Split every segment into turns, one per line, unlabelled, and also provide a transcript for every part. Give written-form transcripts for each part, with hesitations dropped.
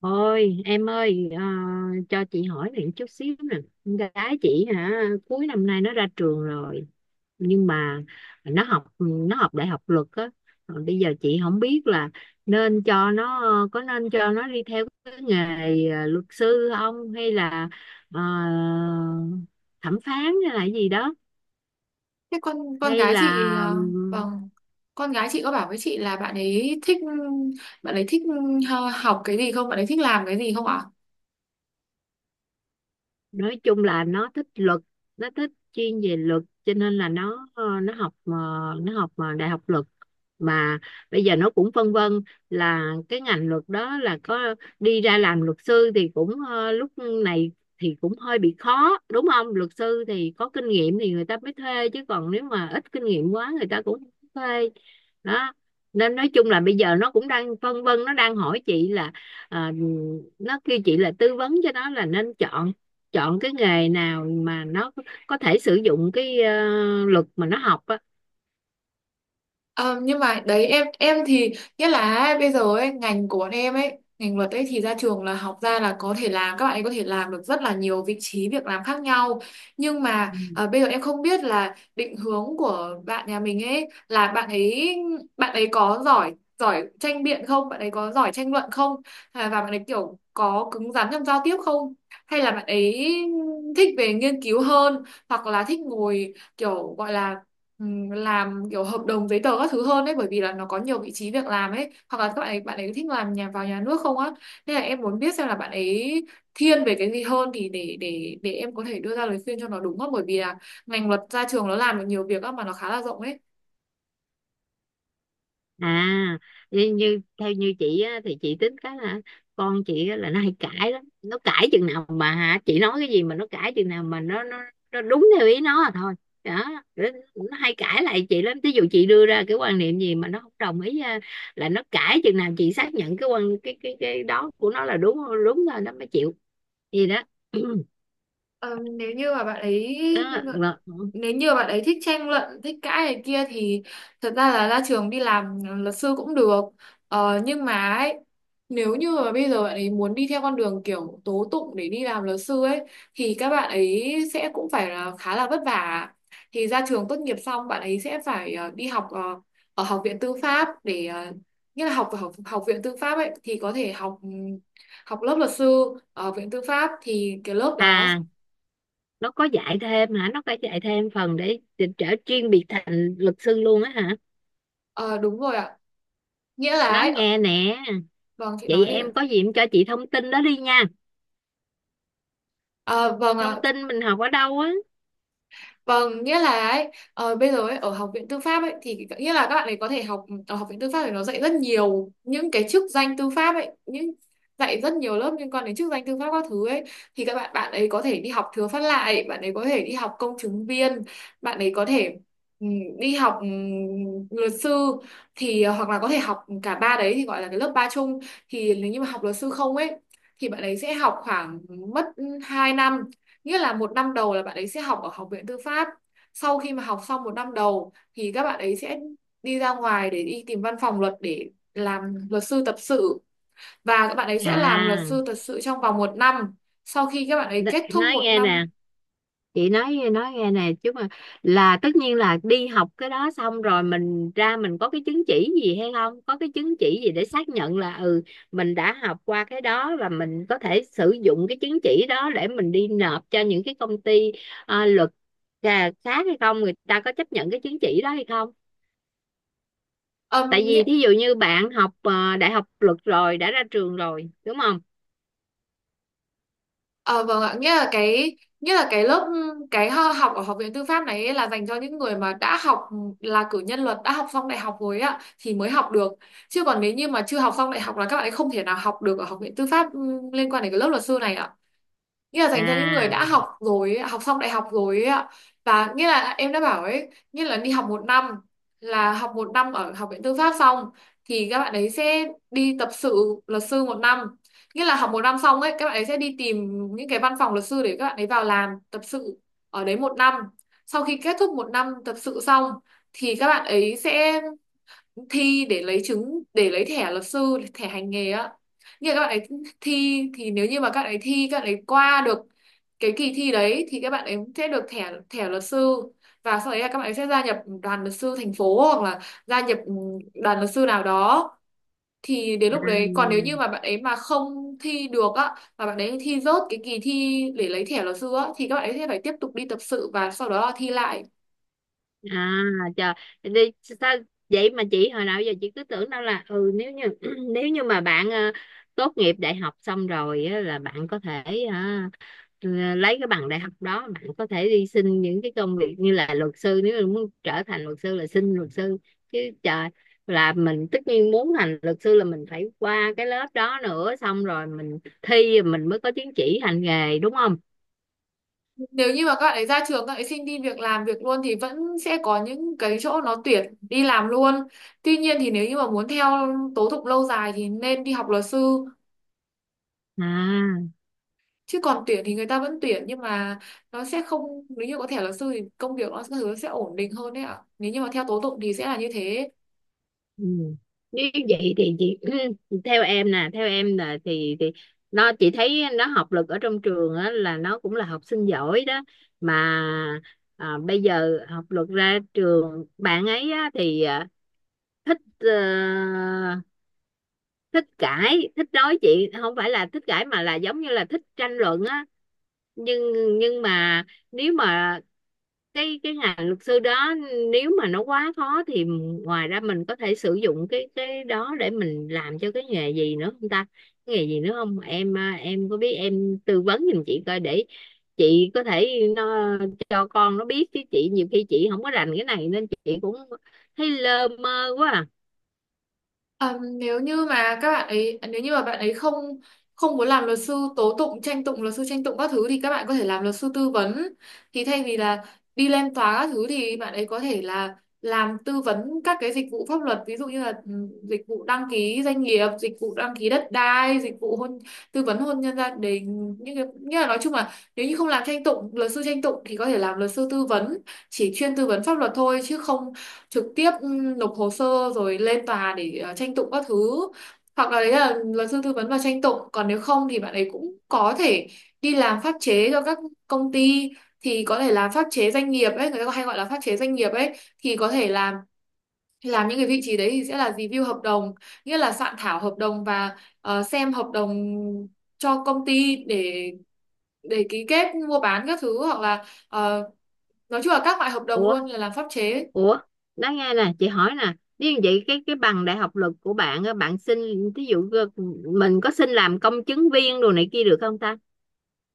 Ôi em ơi, cho chị hỏi này chút xíu nè. Con gái chị hả, cuối năm nay nó ra trường rồi, nhưng mà nó học đại học luật á. Rồi bây giờ chị không biết là nên cho nó, có nên cho nó đi theo cái nghề luật sư không, hay là ờ, thẩm phán hay là gì đó,
Thế con
hay
gái chị,
là
vâng, con gái chị có bảo với chị là bạn ấy thích học cái gì không, bạn ấy thích làm cái gì không ạ?
nói chung là nó thích luật, nó thích chuyên về luật, cho nên là nó ờ, nó học ờ, nó học ờ, đại học luật. Mà bây giờ nó cũng phân vân là cái ngành luật đó là có, đi ra làm luật sư thì cũng lúc này thì cũng hơi bị khó, đúng không? Luật sư thì có kinh nghiệm thì người ta mới thuê, chứ còn nếu mà ít kinh nghiệm quá người ta cũng không thuê đó. Nên nói chung là bây giờ nó cũng đang phân vân, nó đang hỏi chị là, ờ, nó kêu chị là tư vấn cho nó là nên chọn, chọn cái nghề nào mà nó có thể sử dụng cái luật mà nó học á.
Ờ, nhưng mà đấy em thì nghĩa là bây giờ ấy, ngành của bọn em ấy, ngành luật ấy thì ra trường là học ra là có thể làm, các bạn ấy có thể làm được rất là nhiều vị trí việc làm khác nhau. Nhưng mà
Ừ.
bây giờ em không biết là định hướng của bạn nhà mình ấy là bạn ấy có giỏi giỏi tranh biện không, bạn ấy có giỏi tranh luận không, à, và bạn ấy kiểu có cứng rắn trong giao tiếp không, hay là bạn ấy thích về nghiên cứu hơn, hoặc là thích ngồi kiểu gọi là ừ, làm kiểu hợp đồng giấy tờ các thứ hơn đấy, bởi vì là nó có nhiều vị trí việc làm ấy, hoặc là các bạn ấy thích làm nhà vào nhà nước không á. Nên là em muốn biết xem là bạn ấy thiên về cái gì hơn thì để em có thể đưa ra lời khuyên cho nó, đúng không, bởi vì là ngành luật ra trường nó làm được nhiều việc á, mà nó khá là rộng ấy.
À, như, như theo như chị á, thì chị tính cái là con chị á, là nó hay cãi lắm, nó cãi chừng nào mà, hả, chị nói cái gì mà nó cãi chừng nào mà nó nó đúng theo ý nó là thôi đó. nó nó hay cãi lại chị lắm, ví dụ chị đưa ra cái quan niệm gì mà nó không đồng ý á, là nó cãi chừng nào chị xác nhận cái quan cái đó của nó là đúng, đúng rồi nó mới chịu gì đó.
Ờ, nếu như mà bạn ấy
Đó, rồi.
nếu như bạn ấy thích tranh luận, thích cãi này kia thì thật ra là ra trường đi làm luật sư cũng được. Nhưng mà ấy, nếu như mà bây giờ bạn ấy muốn đi theo con đường kiểu tố tụng để đi làm luật sư ấy thì các bạn ấy sẽ cũng phải là khá là vất vả. Thì ra trường tốt nghiệp xong bạn ấy sẽ phải đi học, ở học viện tư pháp, để nghĩa là học ở học viện tư pháp ấy thì có thể học lớp luật sư ở viện tư pháp, thì cái lớp đó.
À, nó có dạy thêm hả, nó có dạy thêm phần để trở chuyên biệt thành luật sư luôn á hả?
Ờ, Đúng rồi ạ, nghĩa là
Nói
ấy,
nghe nè,
vâng, chị
vậy
nói đi
em
ạ.
có gì em cho chị thông tin đó đi nha,
Ờ, vâng
thông
ạ,
tin mình học ở đâu á.
vâng, nghĩa là ấy, bây giờ ấy, ở học viện tư pháp ấy thì nghĩa là các bạn ấy có thể học ở học viện tư pháp, thì nó dạy rất nhiều những cái chức danh tư pháp ấy, những dạy rất nhiều lớp liên quan đến chức danh tư pháp các thứ ấy, thì các bạn bạn ấy có thể đi học thừa phát lại, bạn ấy có thể đi học công chứng viên, bạn ấy có thể ừ, đi học luật sư, thì hoặc là có thể học cả ba đấy thì gọi là cái lớp ba chung. Thì nếu như mà học luật sư không ấy thì bạn ấy sẽ học khoảng mất 2 năm. Nghĩa là một năm đầu là bạn ấy sẽ học ở học viện tư pháp. Sau khi mà học xong một năm đầu thì các bạn ấy sẽ đi ra ngoài để đi tìm văn phòng luật để làm luật sư tập sự. Và các bạn ấy sẽ làm luật
À,
sư tập sự trong vòng một năm. Sau khi các bạn ấy
n-
kết thúc
nói
một
nghe nè,
năm,
chị nói nghe nè chứ mà, là tất nhiên là đi học cái đó xong rồi mình ra mình có cái chứng chỉ gì hay không, có cái chứng chỉ gì để xác nhận là, ừ, mình đã học qua cái đó và mình có thể sử dụng cái chứng chỉ đó để mình đi nộp cho những cái công ty luật à, khác hay không, người ta có chấp nhận cái chứng chỉ đó hay không? Tại
âm nghĩa
vì thí dụ như bạn học đại học luật rồi đã ra trường rồi đúng không.
Ờ, vâng ạ, nghĩa là cái lớp, học ở học viện tư pháp này ấy là dành cho những người mà đã học, là cử nhân luật, đã học xong đại học rồi ạ thì mới học được. Chứ còn nếu như mà chưa học xong đại học là các bạn ấy không thể nào học được ở học viện tư pháp, liên quan đến cái lớp luật sư này ạ, nghĩa là dành cho những người đã
À.
học rồi, học xong đại học rồi ấy ạ. Và nghĩa là em đã bảo ấy, nghĩa là đi học một năm, là học một năm ở học viện tư pháp xong thì các bạn ấy sẽ đi tập sự luật sư một năm. Nghĩa là học một năm xong ấy, các bạn ấy sẽ đi tìm những cái văn phòng luật sư để các bạn ấy vào làm tập sự ở đấy một năm. Sau khi kết thúc một năm tập sự xong thì các bạn ấy sẽ thi để lấy chứng, để lấy thẻ luật sư, thẻ hành nghề á, như là các bạn ấy thi, thì nếu như mà các bạn ấy thi, các bạn ấy qua được cái kỳ thi đấy thì các bạn ấy sẽ được thẻ thẻ luật sư, và sau đấy là các bạn ấy sẽ gia nhập đoàn luật sư thành phố, hoặc là gia nhập đoàn luật sư nào đó. Thì đến
Ừ.
lúc đấy, còn nếu như mà bạn ấy mà không thi được á, mà bạn ấy thi rớt cái kỳ thi để lấy thẻ luật sư á, thì các bạn ấy sẽ phải tiếp tục đi tập sự và sau đó là thi lại.
À, trời, đi sao? Vậy mà chị hồi nào giờ chị cứ tưởng đâu là, ừ, nếu như nếu như mà bạn tốt nghiệp đại học xong rồi á, là bạn có thể hả, lấy cái bằng đại học đó bạn có thể đi xin những cái công việc như là luật sư, nếu mà muốn trở thành luật sư là xin luật sư, chứ trời. Là mình tất nhiên muốn thành luật sư là mình phải qua cái lớp đó nữa, xong rồi mình thi mình mới có chứng chỉ hành nghề, đúng không?
Nếu như mà các bạn ấy ra trường, các bạn ấy xin đi việc làm việc luôn thì vẫn sẽ có những cái chỗ nó tuyển đi làm luôn. Tuy nhiên thì nếu như mà muốn theo tố thục lâu dài thì nên đi học luật sư,
À.
chứ còn tuyển thì người ta vẫn tuyển, nhưng mà nó sẽ không, nếu như có thẻ luật sư thì công việc nó sẽ ổn định hơn đấy ạ, nếu như mà theo tố tụng thì sẽ là như thế.
Ừ. Nếu vậy thì chị, theo em nè, theo em là thì nó, chị thấy nó học lực ở trong trường á, là nó cũng là học sinh giỏi đó mà. À, bây giờ học lực ra trường bạn ấy á, thì à, thích thích cãi, thích nói chuyện, không phải là thích cãi mà là giống như là thích tranh luận á. nhưng nhưng mà nếu mà cái ngành luật sư đó, nếu mà nó quá khó thì ngoài ra mình có thể sử dụng cái đó để mình làm cho cái nghề gì nữa không ta? Cái nghề gì nữa không em, à, em có biết em tư vấn giùm chị coi để chị có thể nó cho con nó biết, chứ chị nhiều khi chị không có rành cái này nên chị cũng thấy lơ mơ quá à.
Ờ, nếu như mà các bạn ấy nếu như mà bạn ấy không không muốn làm luật sư tố tụng, tranh tụng, luật sư tranh tụng các thứ, thì các bạn có thể làm luật sư tư vấn. Thì thay vì là đi lên tòa các thứ thì bạn ấy có thể là làm tư vấn các cái dịch vụ pháp luật, ví dụ như là dịch vụ đăng ký doanh nghiệp, dịch vụ đăng ký đất đai, dịch vụ hôn, tư vấn hôn nhân gia đình, những cái như là, nói chung là nếu như không làm tranh tụng, luật sư tranh tụng, thì có thể làm luật sư tư vấn, chỉ chuyên tư vấn pháp luật thôi, chứ không trực tiếp nộp hồ sơ rồi lên tòa để tranh tụng các thứ. Hoặc là đấy là luật sư tư vấn và tranh tụng, còn nếu không thì bạn ấy cũng có thể đi làm pháp chế cho các công ty, thì có thể làm pháp chế doanh nghiệp ấy, người ta hay gọi là pháp chế doanh nghiệp ấy, thì có thể làm những cái vị trí đấy thì sẽ là review hợp đồng, nghĩa là soạn thảo hợp đồng và xem hợp đồng cho công ty, để ký kết mua bán các thứ, hoặc là nói chung là các loại hợp đồng
Ủa
luôn, là làm pháp chế.
Ủa, nói nghe nè, chị hỏi nè, nếu như vậy cái bằng đại học luật của bạn á, bạn xin, thí dụ mình có xin làm công chứng viên đồ này kia được không ta?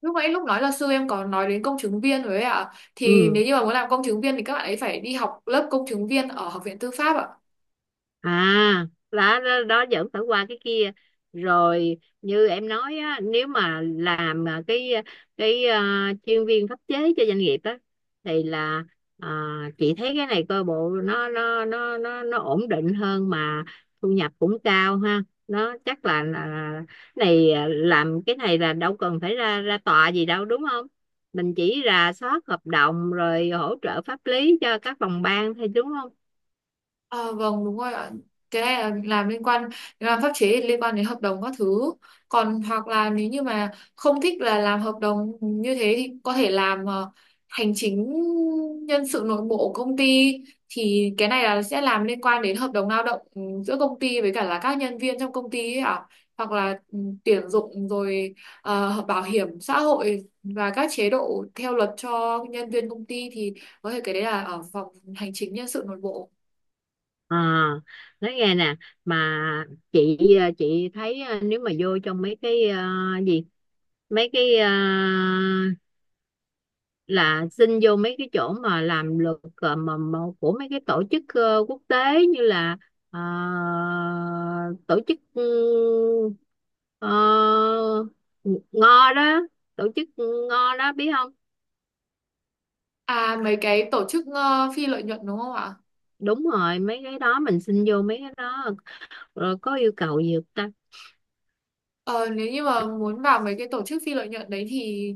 Lúc nãy lúc nói là sư em có nói đến công chứng viên rồi ấy ạ. Thì
Ừ.
nếu như mà muốn làm công chứng viên thì các bạn ấy phải đi học lớp công chứng viên ở Học viện Tư pháp ạ.
À, đó, đó, đó vẫn phải qua cái kia. Rồi như em nói á, nếu mà làm à, cái à, chuyên viên pháp chế cho doanh nghiệp á thì là à, chị thấy cái này coi bộ nó ổn định hơn mà thu nhập cũng cao ha, nó chắc là này à, làm cái này là đâu cần phải ra ra tòa gì đâu đúng không, mình chỉ rà soát hợp đồng rồi hỗ trợ pháp lý cho các phòng ban thôi đúng không?
À, vâng đúng rồi ạ, cái này là làm liên quan, làm pháp chế thì liên quan đến hợp đồng các thứ. Còn hoặc là nếu như mà không thích là làm hợp đồng như thế thì có thể làm hành chính nhân sự nội bộ của công ty, thì cái này là sẽ làm liên quan đến hợp đồng lao động, giữa công ty với cả là các nhân viên trong công ty ấy ạ, hoặc là tuyển dụng, rồi bảo hiểm xã hội và các chế độ theo luật cho nhân viên công ty, thì có thể cái đấy là ở phòng hành chính nhân sự nội bộ.
À, nói nghe nè, mà chị chị thấy ờ, nếu mà vô trong mấy cái gì, mấy cái là xin vô mấy cái chỗ mà làm luật ờ, mà của mấy cái tổ chức quốc tế, như là ờ, tổ chức NGO đó, tổ chức NGO đó biết không?
À, mấy cái tổ chức phi lợi nhuận đúng không ạ?
Đúng rồi, mấy cái đó mình xin vô mấy cái đó rồi có yêu cầu gì không ta?
Ờ, Nếu như mà muốn vào mấy cái tổ chức phi lợi nhuận đấy thì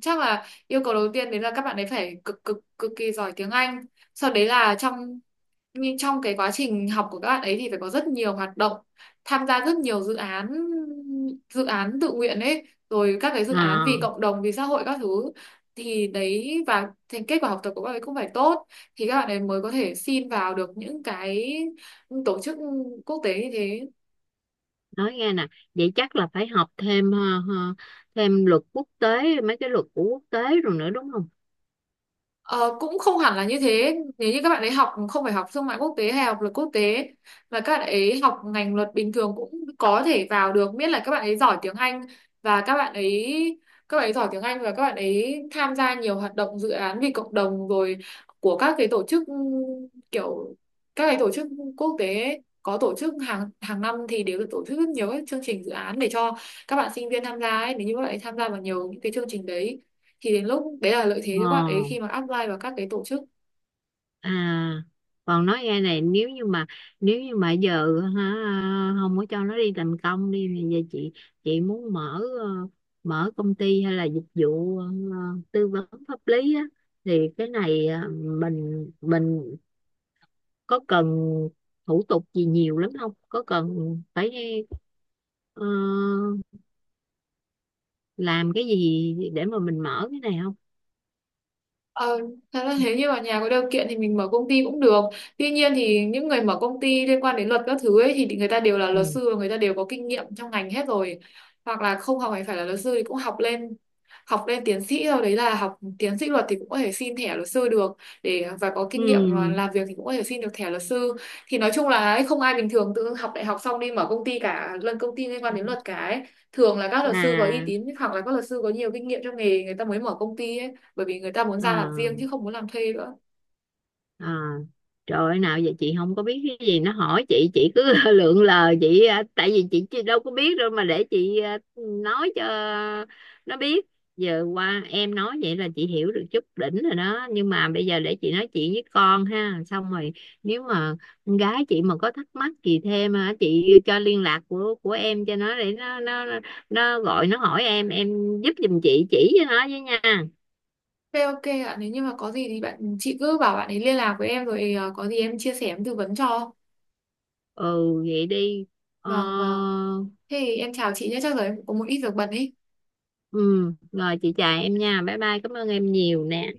chắc là yêu cầu đầu tiên đấy là các bạn ấy phải cực cực cực kỳ giỏi tiếng Anh. Sau đấy là trong, nhưng trong cái quá trình học của các bạn ấy thì phải có rất nhiều hoạt động, tham gia rất nhiều dự án, dự án tự nguyện ấy, rồi các cái dự án vì
À,
cộng đồng, vì xã hội các thứ, thì đấy, và thành kết quả học tập của các bạn ấy cũng phải tốt thì các bạn ấy mới có thể xin vào được những cái tổ chức quốc tế như thế.
nói nghe nè, vậy chắc là phải học thêm ờ, thêm luật quốc tế, mấy cái luật của quốc tế rồi nữa đúng không?
Ờ, cũng không hẳn là như thế, nếu như các bạn ấy học không phải học thương mại quốc tế hay học luật quốc tế, mà các bạn ấy học ngành luật bình thường cũng có thể vào được, miễn là các bạn ấy giỏi tiếng Anh và các bạn ấy giỏi tiếng Anh và các bạn ấy tham gia nhiều hoạt động dự án vì cộng đồng, rồi của các cái tổ chức, kiểu các cái tổ chức quốc tế ấy, có tổ chức hàng hàng năm thì đều được tổ chức rất nhiều các chương trình dự án để cho các bạn sinh viên tham gia ấy, nếu như các bạn ấy tham gia vào nhiều những cái chương trình đấy thì đến lúc đấy là lợi thế cho các bạn ấy
Ờ.
khi mà apply vào các cái tổ chức.
À, còn nói nghe này, nếu như mà, nếu như mà giờ hả, không có cho nó đi làm công đi thì giờ chị muốn mở mở công ty hay là dịch vụ tư vấn pháp lý á, thì cái này mình có cần thủ tục gì nhiều lắm không, có cần phải ờ, làm cái gì để mà mình mở cái này không?
Ờ, thật ra thế như ở nhà có điều kiện thì mình mở công ty cũng được. Tuy nhiên thì những người mở công ty liên quan đến luật các thứ ấy thì người ta đều là
Ừ.
luật sư, và người ta đều có kinh nghiệm trong ngành hết rồi. Hoặc là không học hành phải là luật sư thì cũng học lên, học lên tiến sĩ rồi, đấy là học tiến sĩ luật thì cũng có thể xin thẻ luật sư được, để và có
Ừ.
kinh nghiệm mà làm việc thì cũng có thể xin được thẻ luật sư. Thì nói chung là ấy, không ai bình thường tự học đại học xong đi mở công ty cả, lần công ty liên quan đến luật cả ấy, thường là các luật sư có uy
À.
tín hoặc là các luật sư có nhiều kinh nghiệm trong nghề người ta mới mở công ty ấy, bởi vì người ta muốn ra làm riêng
Ờ.
chứ không muốn làm thuê nữa.
À, trời ơi nào, vậy chị không có biết cái gì, nó hỏi chị cứ lượn lờ, chị à, tại vì chị đâu có biết đâu mà để chị à, nói cho nó biết. Giờ qua em nói vậy là chị hiểu được chút đỉnh rồi đó, nhưng mà bây giờ để chị nói chuyện với con ha, xong rồi nếu mà con gái chị mà có thắc mắc gì thêm hả, chị cho liên lạc của em cho nó để nó gọi nó hỏi em giúp giùm chị chỉ cho nó với nha.
Thế ok ạ, nếu như mà có gì thì bạn chị cứ bảo bạn ấy liên lạc với em, rồi có gì em chia sẻ, em tư vấn cho.
Ừ vậy đi. Ờ.
Vâng vâng. Thế thì em chào chị nhé, chắc rồi em cũng có một ít việc bận ý.
Ừ rồi, chị chào em nha, bye bye, cảm ơn em nhiều nè.